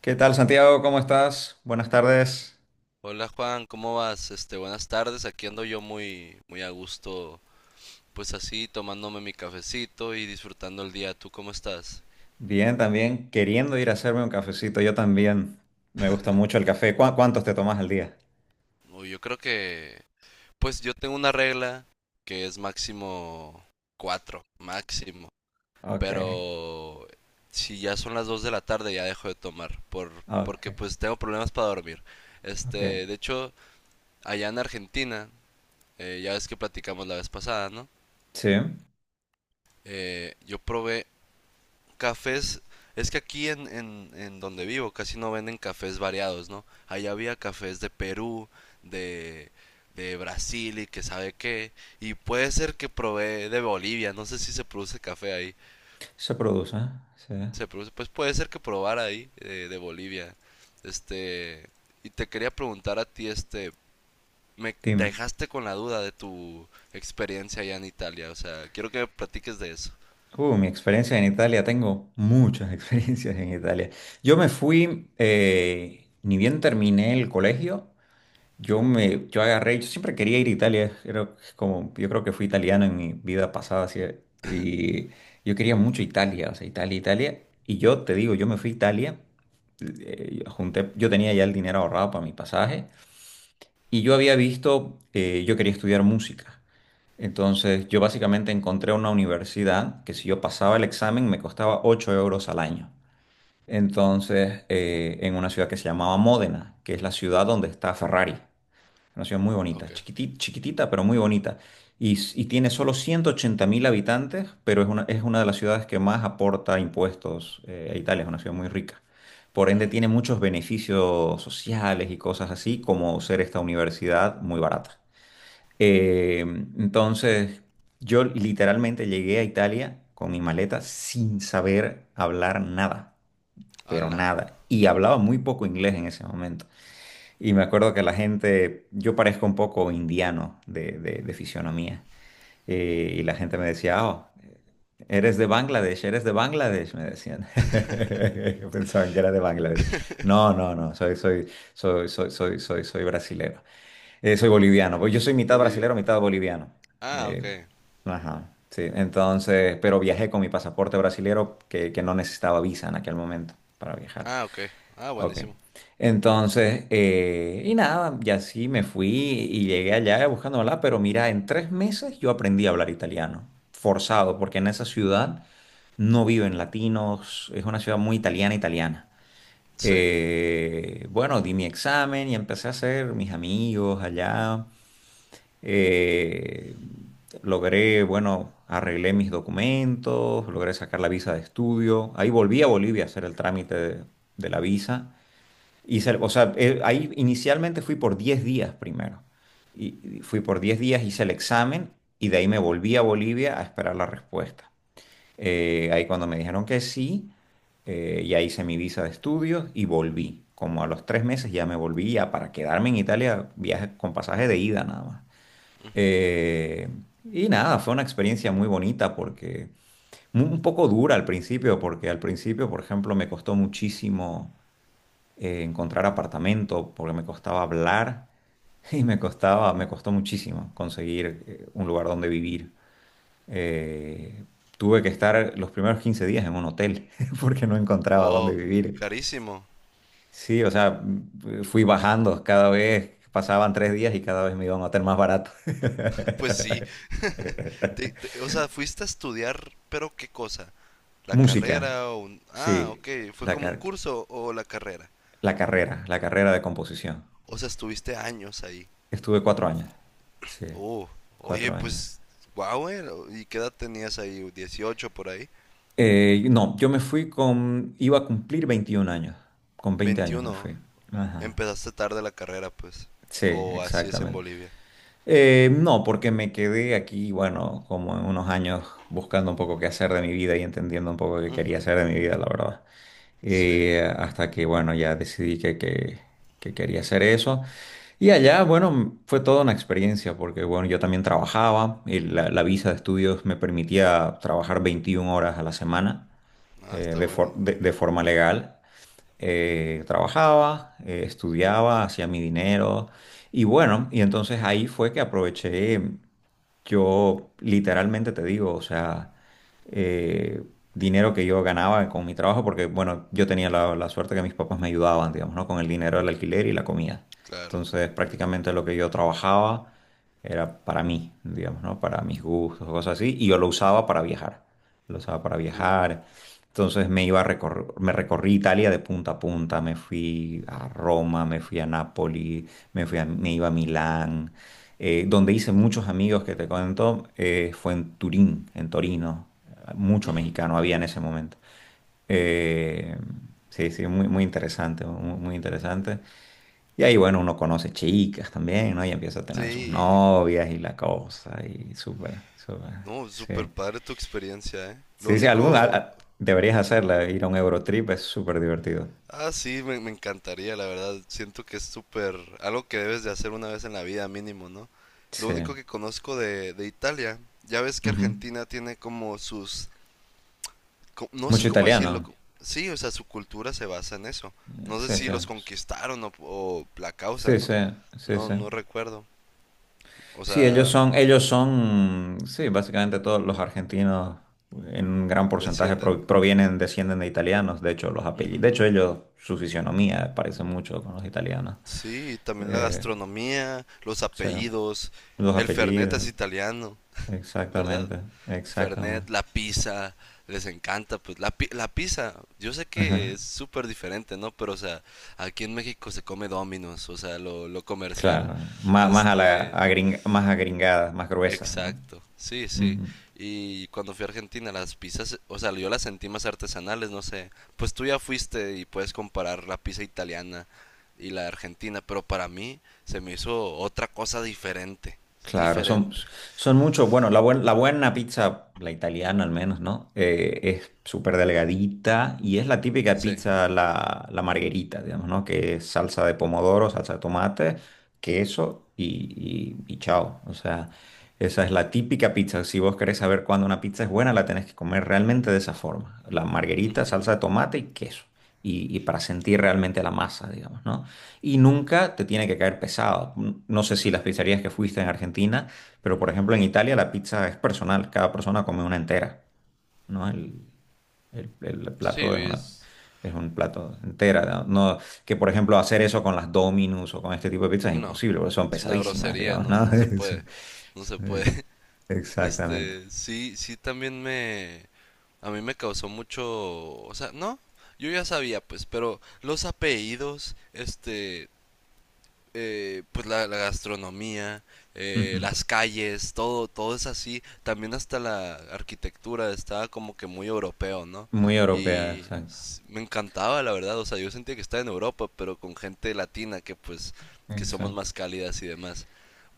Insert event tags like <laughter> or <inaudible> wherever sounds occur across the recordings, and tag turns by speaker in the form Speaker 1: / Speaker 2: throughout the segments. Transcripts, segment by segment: Speaker 1: ¿Qué tal, Santiago? ¿Cómo estás? Buenas tardes.
Speaker 2: Hola Juan, ¿cómo vas? Este, buenas tardes. Aquí ando yo muy, muy a gusto, pues así, tomándome mi cafecito y disfrutando el día. ¿Tú cómo estás?
Speaker 1: Bien, también queriendo ir a hacerme un cafecito. Yo también. Me gusta
Speaker 2: <laughs>
Speaker 1: mucho el café. ¿Cuántos te tomas al día?
Speaker 2: Uy, yo creo que, pues yo tengo una regla que es máximo cuatro, máximo.
Speaker 1: Ok,
Speaker 2: Pero si ya son las 2 de la tarde ya dejo de tomar, porque
Speaker 1: ok,
Speaker 2: pues tengo problemas para dormir.
Speaker 1: ok.
Speaker 2: Este, de hecho, allá en Argentina, ya ves que platicamos la vez pasada, ¿no?
Speaker 1: Sí,
Speaker 2: Yo probé cafés. Es que aquí en donde vivo casi no venden cafés variados, ¿no? Allá había cafés de Perú, de, de Brasil y que sabe qué. Y puede ser que probé de Bolivia. No sé si se produce café ahí.
Speaker 1: se produce. ¿Eh? Sí.
Speaker 2: Se produce, pues puede ser que probara ahí de Bolivia. Este, y te quería preguntar a ti, este, me
Speaker 1: Dime.
Speaker 2: dejaste con la duda de tu experiencia allá en Italia. O sea, quiero que me platiques de eso.
Speaker 1: Mi experiencia en Italia. Tengo muchas <laughs> experiencias en Italia. Yo me fui, ni bien terminé el colegio. Yo me, yo agarré, yo siempre quería ir a Italia, era como, yo creo que fui italiano en mi vida pasada, así, y yo quería mucho Italia, o sea, Italia, Italia, y yo te digo, yo me fui a Italia, yo tenía ya el dinero ahorrado para mi pasaje, yo quería estudiar música, entonces yo básicamente encontré una universidad que si yo pasaba el examen me costaba 8 euros al año, entonces, en una ciudad que se llamaba Módena, que es la ciudad donde está Ferrari. Una ciudad muy bonita,
Speaker 2: Ok.
Speaker 1: chiquitita, pero muy bonita. Y tiene solo 180 mil habitantes, pero es una de las ciudades que más aporta impuestos a Italia. Es una ciudad muy rica. Por ende,
Speaker 2: Mm,
Speaker 1: tiene muchos beneficios sociales y cosas así, como ser esta universidad muy barata. Eh, entonces, yo literalmente llegué a Italia con mi maleta sin saber hablar nada, pero
Speaker 2: ala.
Speaker 1: nada. Y hablaba muy poco inglés en ese momento. Y me acuerdo que la gente, yo parezco un poco indiano de fisionomía, y la gente me decía: oh, eres de Bangladesh, me decían. <laughs> Yo pensaban que era de Bangladesh.
Speaker 2: <laughs>
Speaker 1: No, no, no, soy brasilero. Soy boliviano, pues yo soy mitad brasilero,
Speaker 2: Boliviano.
Speaker 1: mitad boliviano.
Speaker 2: Ah, ok.
Speaker 1: Eh, ajá, sí, entonces, pero viajé con mi pasaporte brasilero que no necesitaba visa en aquel momento para viajar.
Speaker 2: Ah, ok. Ah,
Speaker 1: Ok.
Speaker 2: buenísimo.
Speaker 1: Entonces, y nada, y así me fui y llegué allá buscando hablar. Pero mira, en 3 meses yo aprendí a hablar italiano, forzado, porque en esa ciudad no viven latinos, es una ciudad muy italiana, italiana.
Speaker 2: Sí.
Speaker 1: Bueno, di mi examen y empecé a hacer mis amigos allá. eh, arreglé mis documentos, logré sacar la visa de estudio. Ahí volví a Bolivia a hacer el trámite de la visa. O sea, ahí inicialmente fui por 10 días primero. Y fui por 10 días, hice el examen y de ahí me volví a Bolivia a esperar la respuesta. Ahí cuando me dijeron que sí, ya hice mi visa de estudios y volví. Como a los 3 meses ya me volví ya para quedarme en Italia, viaje con pasaje de ida nada más. Eh, y nada, fue una experiencia muy bonita porque un poco dura al principio, porque al principio, por ejemplo, me costó muchísimo encontrar apartamento porque me costaba hablar <laughs> y me costó muchísimo conseguir un lugar donde vivir. Eh, tuve que estar los primeros 15 días en un hotel <laughs> porque no encontraba dónde
Speaker 2: Oh, y
Speaker 1: vivir.
Speaker 2: carísimo. <laughs>
Speaker 1: Sí, o sea, fui bajando cada vez, pasaban 3 días y cada vez me iba a un hotel más barato.
Speaker 2: Pues sí.
Speaker 1: <laughs>
Speaker 2: O sea, fuiste a estudiar, pero ¿qué cosa? ¿La
Speaker 1: Música,
Speaker 2: carrera o un?
Speaker 1: sí,
Speaker 2: Ah, ok. ¿Fue
Speaker 1: la,
Speaker 2: como un
Speaker 1: car-
Speaker 2: curso o la carrera?
Speaker 1: la carrera de composición.
Speaker 2: O sea, estuviste años ahí.
Speaker 1: Estuve 4 años, sí,
Speaker 2: Oh, oye,
Speaker 1: 4 años.
Speaker 2: pues, guau. ¿Y qué edad tenías ahí? ¿18 por ahí?
Speaker 1: No, yo me fui iba a cumplir 21 años, con 20 años me fui.
Speaker 2: 21.
Speaker 1: Ajá.
Speaker 2: Empezaste tarde la carrera, pues.
Speaker 1: Sí,
Speaker 2: O así es en
Speaker 1: exactamente.
Speaker 2: Bolivia.
Speaker 1: No, porque me quedé aquí, bueno, como en unos años buscando un poco qué hacer de mi vida y entendiendo un poco qué quería
Speaker 2: Ujú,
Speaker 1: hacer de mi vida, la verdad.
Speaker 2: sí.
Speaker 1: Hasta que, bueno, ya decidí que quería hacer eso. Y allá, bueno, fue toda una experiencia, porque, bueno, yo también trabajaba, y la visa de estudios me permitía trabajar 21 horas a la semana
Speaker 2: Ah,
Speaker 1: eh,
Speaker 2: está
Speaker 1: de,
Speaker 2: bueno,
Speaker 1: for- de-
Speaker 2: muy
Speaker 1: de
Speaker 2: bien.
Speaker 1: forma legal. Trabajaba, estudiaba, hacía mi dinero y bueno, y entonces ahí fue que aproveché, yo literalmente te digo, o sea, eh, dinero que yo ganaba con mi trabajo, porque bueno, yo tenía la suerte que mis papás me ayudaban, digamos, ¿no? Con el dinero del alquiler y la comida.
Speaker 2: Claro.
Speaker 1: Entonces prácticamente lo que yo trabajaba era para mí, digamos, ¿no? Para mis gustos, cosas así, y yo lo usaba para viajar. Lo usaba para
Speaker 2: Uh.
Speaker 1: viajar, entonces me recorrí Italia de punta a punta, me fui a Roma, me fui a Nápoli, me iba a Milán. Donde hice muchos amigos que te cuento, fue en Turín, en Torino. Mucho mexicano había en ese momento. Eh, sí, sí, muy, muy interesante, muy, muy interesante. Y ahí, bueno, uno conoce chicas también, ¿no? Y empieza a tener sus
Speaker 2: Sí,
Speaker 1: novias y la cosa, y súper, súper,
Speaker 2: no,
Speaker 1: sí.
Speaker 2: súper padre tu experiencia, ¿eh? Lo
Speaker 1: Sí, sí,
Speaker 2: único,
Speaker 1: deberías hacerla, ir a un Eurotrip es súper divertido.
Speaker 2: ah, sí, me encantaría, la verdad. Siento que es súper, algo que debes de hacer una vez en la vida mínimo, ¿no? Lo
Speaker 1: Sí.
Speaker 2: único que conozco de Italia, ya ves que
Speaker 1: Ujú.
Speaker 2: Argentina tiene como sus, no sé
Speaker 1: Mucho
Speaker 2: cómo decirlo,
Speaker 1: italiano.
Speaker 2: sí, o sea, su cultura se basa en eso. No sé
Speaker 1: Sí,
Speaker 2: si
Speaker 1: sí.
Speaker 2: los conquistaron o la causa,
Speaker 1: Sí,
Speaker 2: ¿no?
Speaker 1: sí, sí,
Speaker 2: No,
Speaker 1: sí.
Speaker 2: no recuerdo. O
Speaker 1: Sí, ellos
Speaker 2: sea,
Speaker 1: son, sí, básicamente todos los argentinos en un gran porcentaje
Speaker 2: descienden.
Speaker 1: provienen, descienden de italianos. De hecho, los apellidos, de hecho, ellos, su fisionomía parece mucho con los italianos.
Speaker 2: Sí, también la
Speaker 1: Eh,
Speaker 2: gastronomía, los
Speaker 1: o sea,
Speaker 2: apellidos.
Speaker 1: los
Speaker 2: El Fernet es
Speaker 1: apellidos,
Speaker 2: italiano, ¿verdad?
Speaker 1: exactamente,
Speaker 2: Fernet,
Speaker 1: exactamente.
Speaker 2: la pizza, les encanta, pues la pizza, yo sé que es
Speaker 1: <laughs>
Speaker 2: súper diferente, ¿no? Pero, o sea, aquí en México se come Domino's, o sea, lo comercial.
Speaker 1: Claro,
Speaker 2: Este,
Speaker 1: más agringadas, más gruesas, no.
Speaker 2: exacto, sí, sí.
Speaker 1: Ujú.
Speaker 2: Y cuando fui a Argentina, las pizzas, o sea, yo las sentí más artesanales, no sé. Pues tú ya fuiste y puedes comparar la pizza italiana y la argentina, pero para mí se me hizo otra cosa diferente,
Speaker 1: Claro, son,
Speaker 2: diferente.
Speaker 1: son muchos. Bueno, la buena pizza, la italiana al menos, ¿no? Es súper delgadita y es la típica
Speaker 2: Sí,
Speaker 1: pizza, la margherita, digamos, ¿no? Que es salsa de pomodoro, salsa de tomate, queso y chao. O sea, esa es la típica pizza. Si vos querés saber cuándo una pizza es buena, la tenés que comer realmente de esa forma. La margherita, salsa de tomate y queso. Y para sentir realmente la masa, digamos, ¿no? Y nunca te tiene que caer pesado. No sé si las pizzerías que fuiste en Argentina, pero por ejemplo en Italia la pizza es personal, cada persona come una entera, ¿no? El, el
Speaker 2: sí,
Speaker 1: plato
Speaker 2: es,
Speaker 1: es un plato entera, ¿no? No- que por ejemplo hacer eso con las Dominus o con este tipo de pizzas es
Speaker 2: no,
Speaker 1: imposible, porque son
Speaker 2: es una
Speaker 1: pesadísimas,
Speaker 2: grosería,
Speaker 1: digamos,
Speaker 2: no,
Speaker 1: ¿no? <laughs>
Speaker 2: no se puede, no
Speaker 1: Eso
Speaker 2: se
Speaker 1: es-
Speaker 2: puede. <laughs>
Speaker 1: Exactamente.
Speaker 2: Este, sí, sí, también me, a mí me causó mucho, o sea, no, yo ya sabía, pues, pero los apellidos, este, pues la gastronomía,
Speaker 1: Ujú.
Speaker 2: las calles, todo, todo es así. También hasta la arquitectura estaba como que muy europeo, ¿no?
Speaker 1: Muy europea,
Speaker 2: Y
Speaker 1: exacto.
Speaker 2: me encantaba, la verdad. O sea, yo sentía que estaba en Europa, pero con gente latina que pues que somos
Speaker 1: Exacto.
Speaker 2: más cálidas y demás.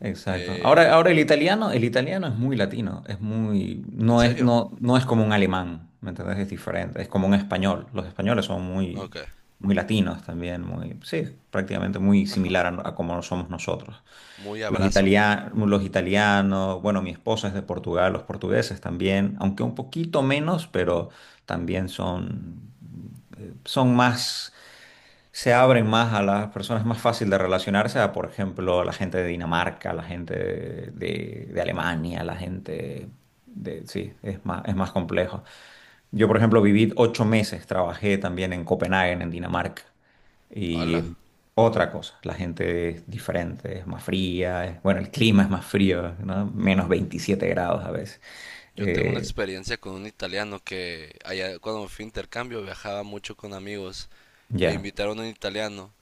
Speaker 1: Exacto.
Speaker 2: Eh,
Speaker 1: Ahora, ahora
Speaker 2: ¿en,
Speaker 1: el italiano es muy latino, es muy,
Speaker 2: en
Speaker 1: no es,
Speaker 2: serio?
Speaker 1: no, no es como un alemán, ¿me entendés? Es diferente, es como un español. Los españoles son muy,
Speaker 2: Ok.
Speaker 1: muy latinos también, muy, sí, prácticamente muy
Speaker 2: Ajá.
Speaker 1: similar a como somos nosotros.
Speaker 2: Muy abrazo.
Speaker 1: Los italianos, bueno, mi esposa es de Portugal, los portugueses también, aunque un poquito menos, pero también son más, se abren más a las personas, es más fácil de relacionarse a, por ejemplo, la gente de Dinamarca, la gente de Alemania, la gente de, sí, es más complejo. Yo, por ejemplo, viví 8 meses, trabajé también en Copenhague, en Dinamarca, y
Speaker 2: Hola.
Speaker 1: otra cosa, la gente es diferente, es más fría, bueno, el clima es más frío, ¿no? -27 grados a veces.
Speaker 2: Yo tengo una
Speaker 1: Eh,
Speaker 2: experiencia con un italiano que allá cuando me fui a intercambio viajaba mucho con amigos e
Speaker 1: ya,
Speaker 2: invitaron a un italiano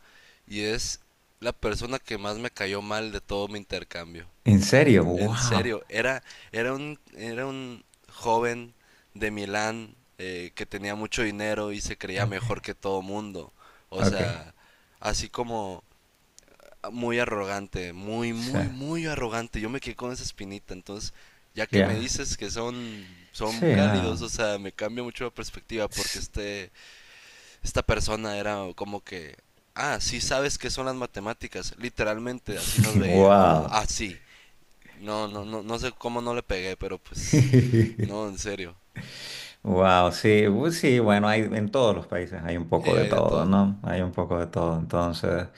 Speaker 2: y es la persona que más me cayó mal de todo mi intercambio.
Speaker 1: ¿En serio?
Speaker 2: En
Speaker 1: ¡Wow!
Speaker 2: serio, era, era un joven de Milán que tenía mucho dinero y se creía
Speaker 1: Ok,
Speaker 2: mejor que todo mundo. O
Speaker 1: ok,
Speaker 2: sea, así como muy arrogante, muy,
Speaker 1: sí,
Speaker 2: muy, muy arrogante. Yo me quedé con esa espinita. Entonces, ya que me
Speaker 1: ya.
Speaker 2: dices que son
Speaker 1: Sí,
Speaker 2: cálidos, o
Speaker 1: no.
Speaker 2: sea, me cambia mucho la perspectiva porque
Speaker 1: <laughs>
Speaker 2: este, esta persona era como que, ah, sí sabes qué son las matemáticas. Literalmente, así nos veía.
Speaker 1: ¡Wow!
Speaker 2: Así. No, no, no, no sé cómo no le pegué, pero pues, no,
Speaker 1: <laughs>
Speaker 2: en serio.
Speaker 1: Wow, sí, sí, bueno, hay en todos los países hay un
Speaker 2: Y
Speaker 1: poco de
Speaker 2: hay de
Speaker 1: todo,
Speaker 2: todo.
Speaker 1: ¿no? Hay un poco de todo, entonces.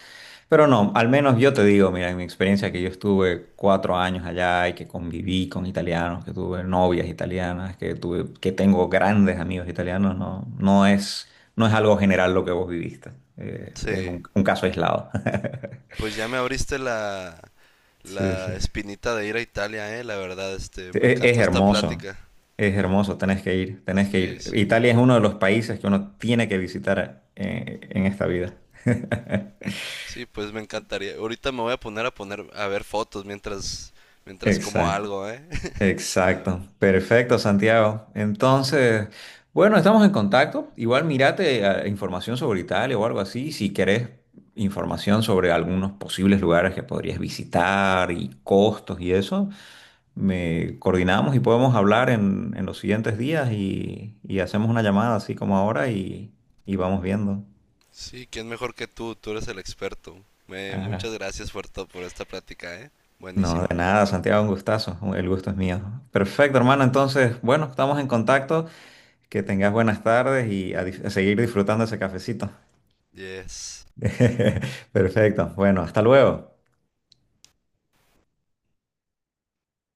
Speaker 1: Pero no, al menos yo te digo, mira, en mi experiencia que yo estuve 4 años allá y que conviví con italianos, que tuve novias italianas, que tuve, que tengo grandes amigos italianos, no, no es algo general lo que vos viviste. Es
Speaker 2: Sí,
Speaker 1: un caso aislado. <laughs>
Speaker 2: pues ya me abriste la,
Speaker 1: Sí,
Speaker 2: la
Speaker 1: sí, sí.
Speaker 2: espinita de ir a Italia, la verdad, este,
Speaker 1: Sí,
Speaker 2: me encantó esta plática.
Speaker 1: Es hermoso, tenés que ir, tenés que
Speaker 2: Sí,
Speaker 1: ir.
Speaker 2: sí.
Speaker 1: Italia es uno de los países que uno tiene que visitar en esta vida. <laughs>
Speaker 2: Sí, pues me encantaría. Ahorita me voy a poner a ver fotos mientras como
Speaker 1: Exacto,
Speaker 2: algo, ¿eh? <laughs> La verdad.
Speaker 1: exacto. Perfecto, Santiago. Entonces, bueno, estamos en contacto. Igual mirate información sobre Italia o algo así, si querés información sobre algunos posibles lugares que podrías visitar y costos y eso. Me coordinamos y podemos hablar en los siguientes días y hacemos una llamada así como ahora y vamos viendo.
Speaker 2: Sí, quién mejor que tú eres el experto. Muchas
Speaker 1: Ajá.
Speaker 2: gracias, Fuerto, por esta plática, ¿eh?
Speaker 1: No,
Speaker 2: Buenísima.
Speaker 1: de nada, Santiago, un gustazo. El gusto es mío. Perfecto, hermano. Entonces, bueno, estamos en contacto. Que tengas buenas tardes y a seguir disfrutando ese cafecito.
Speaker 2: Yes.
Speaker 1: <laughs> Perfecto. Bueno, hasta luego.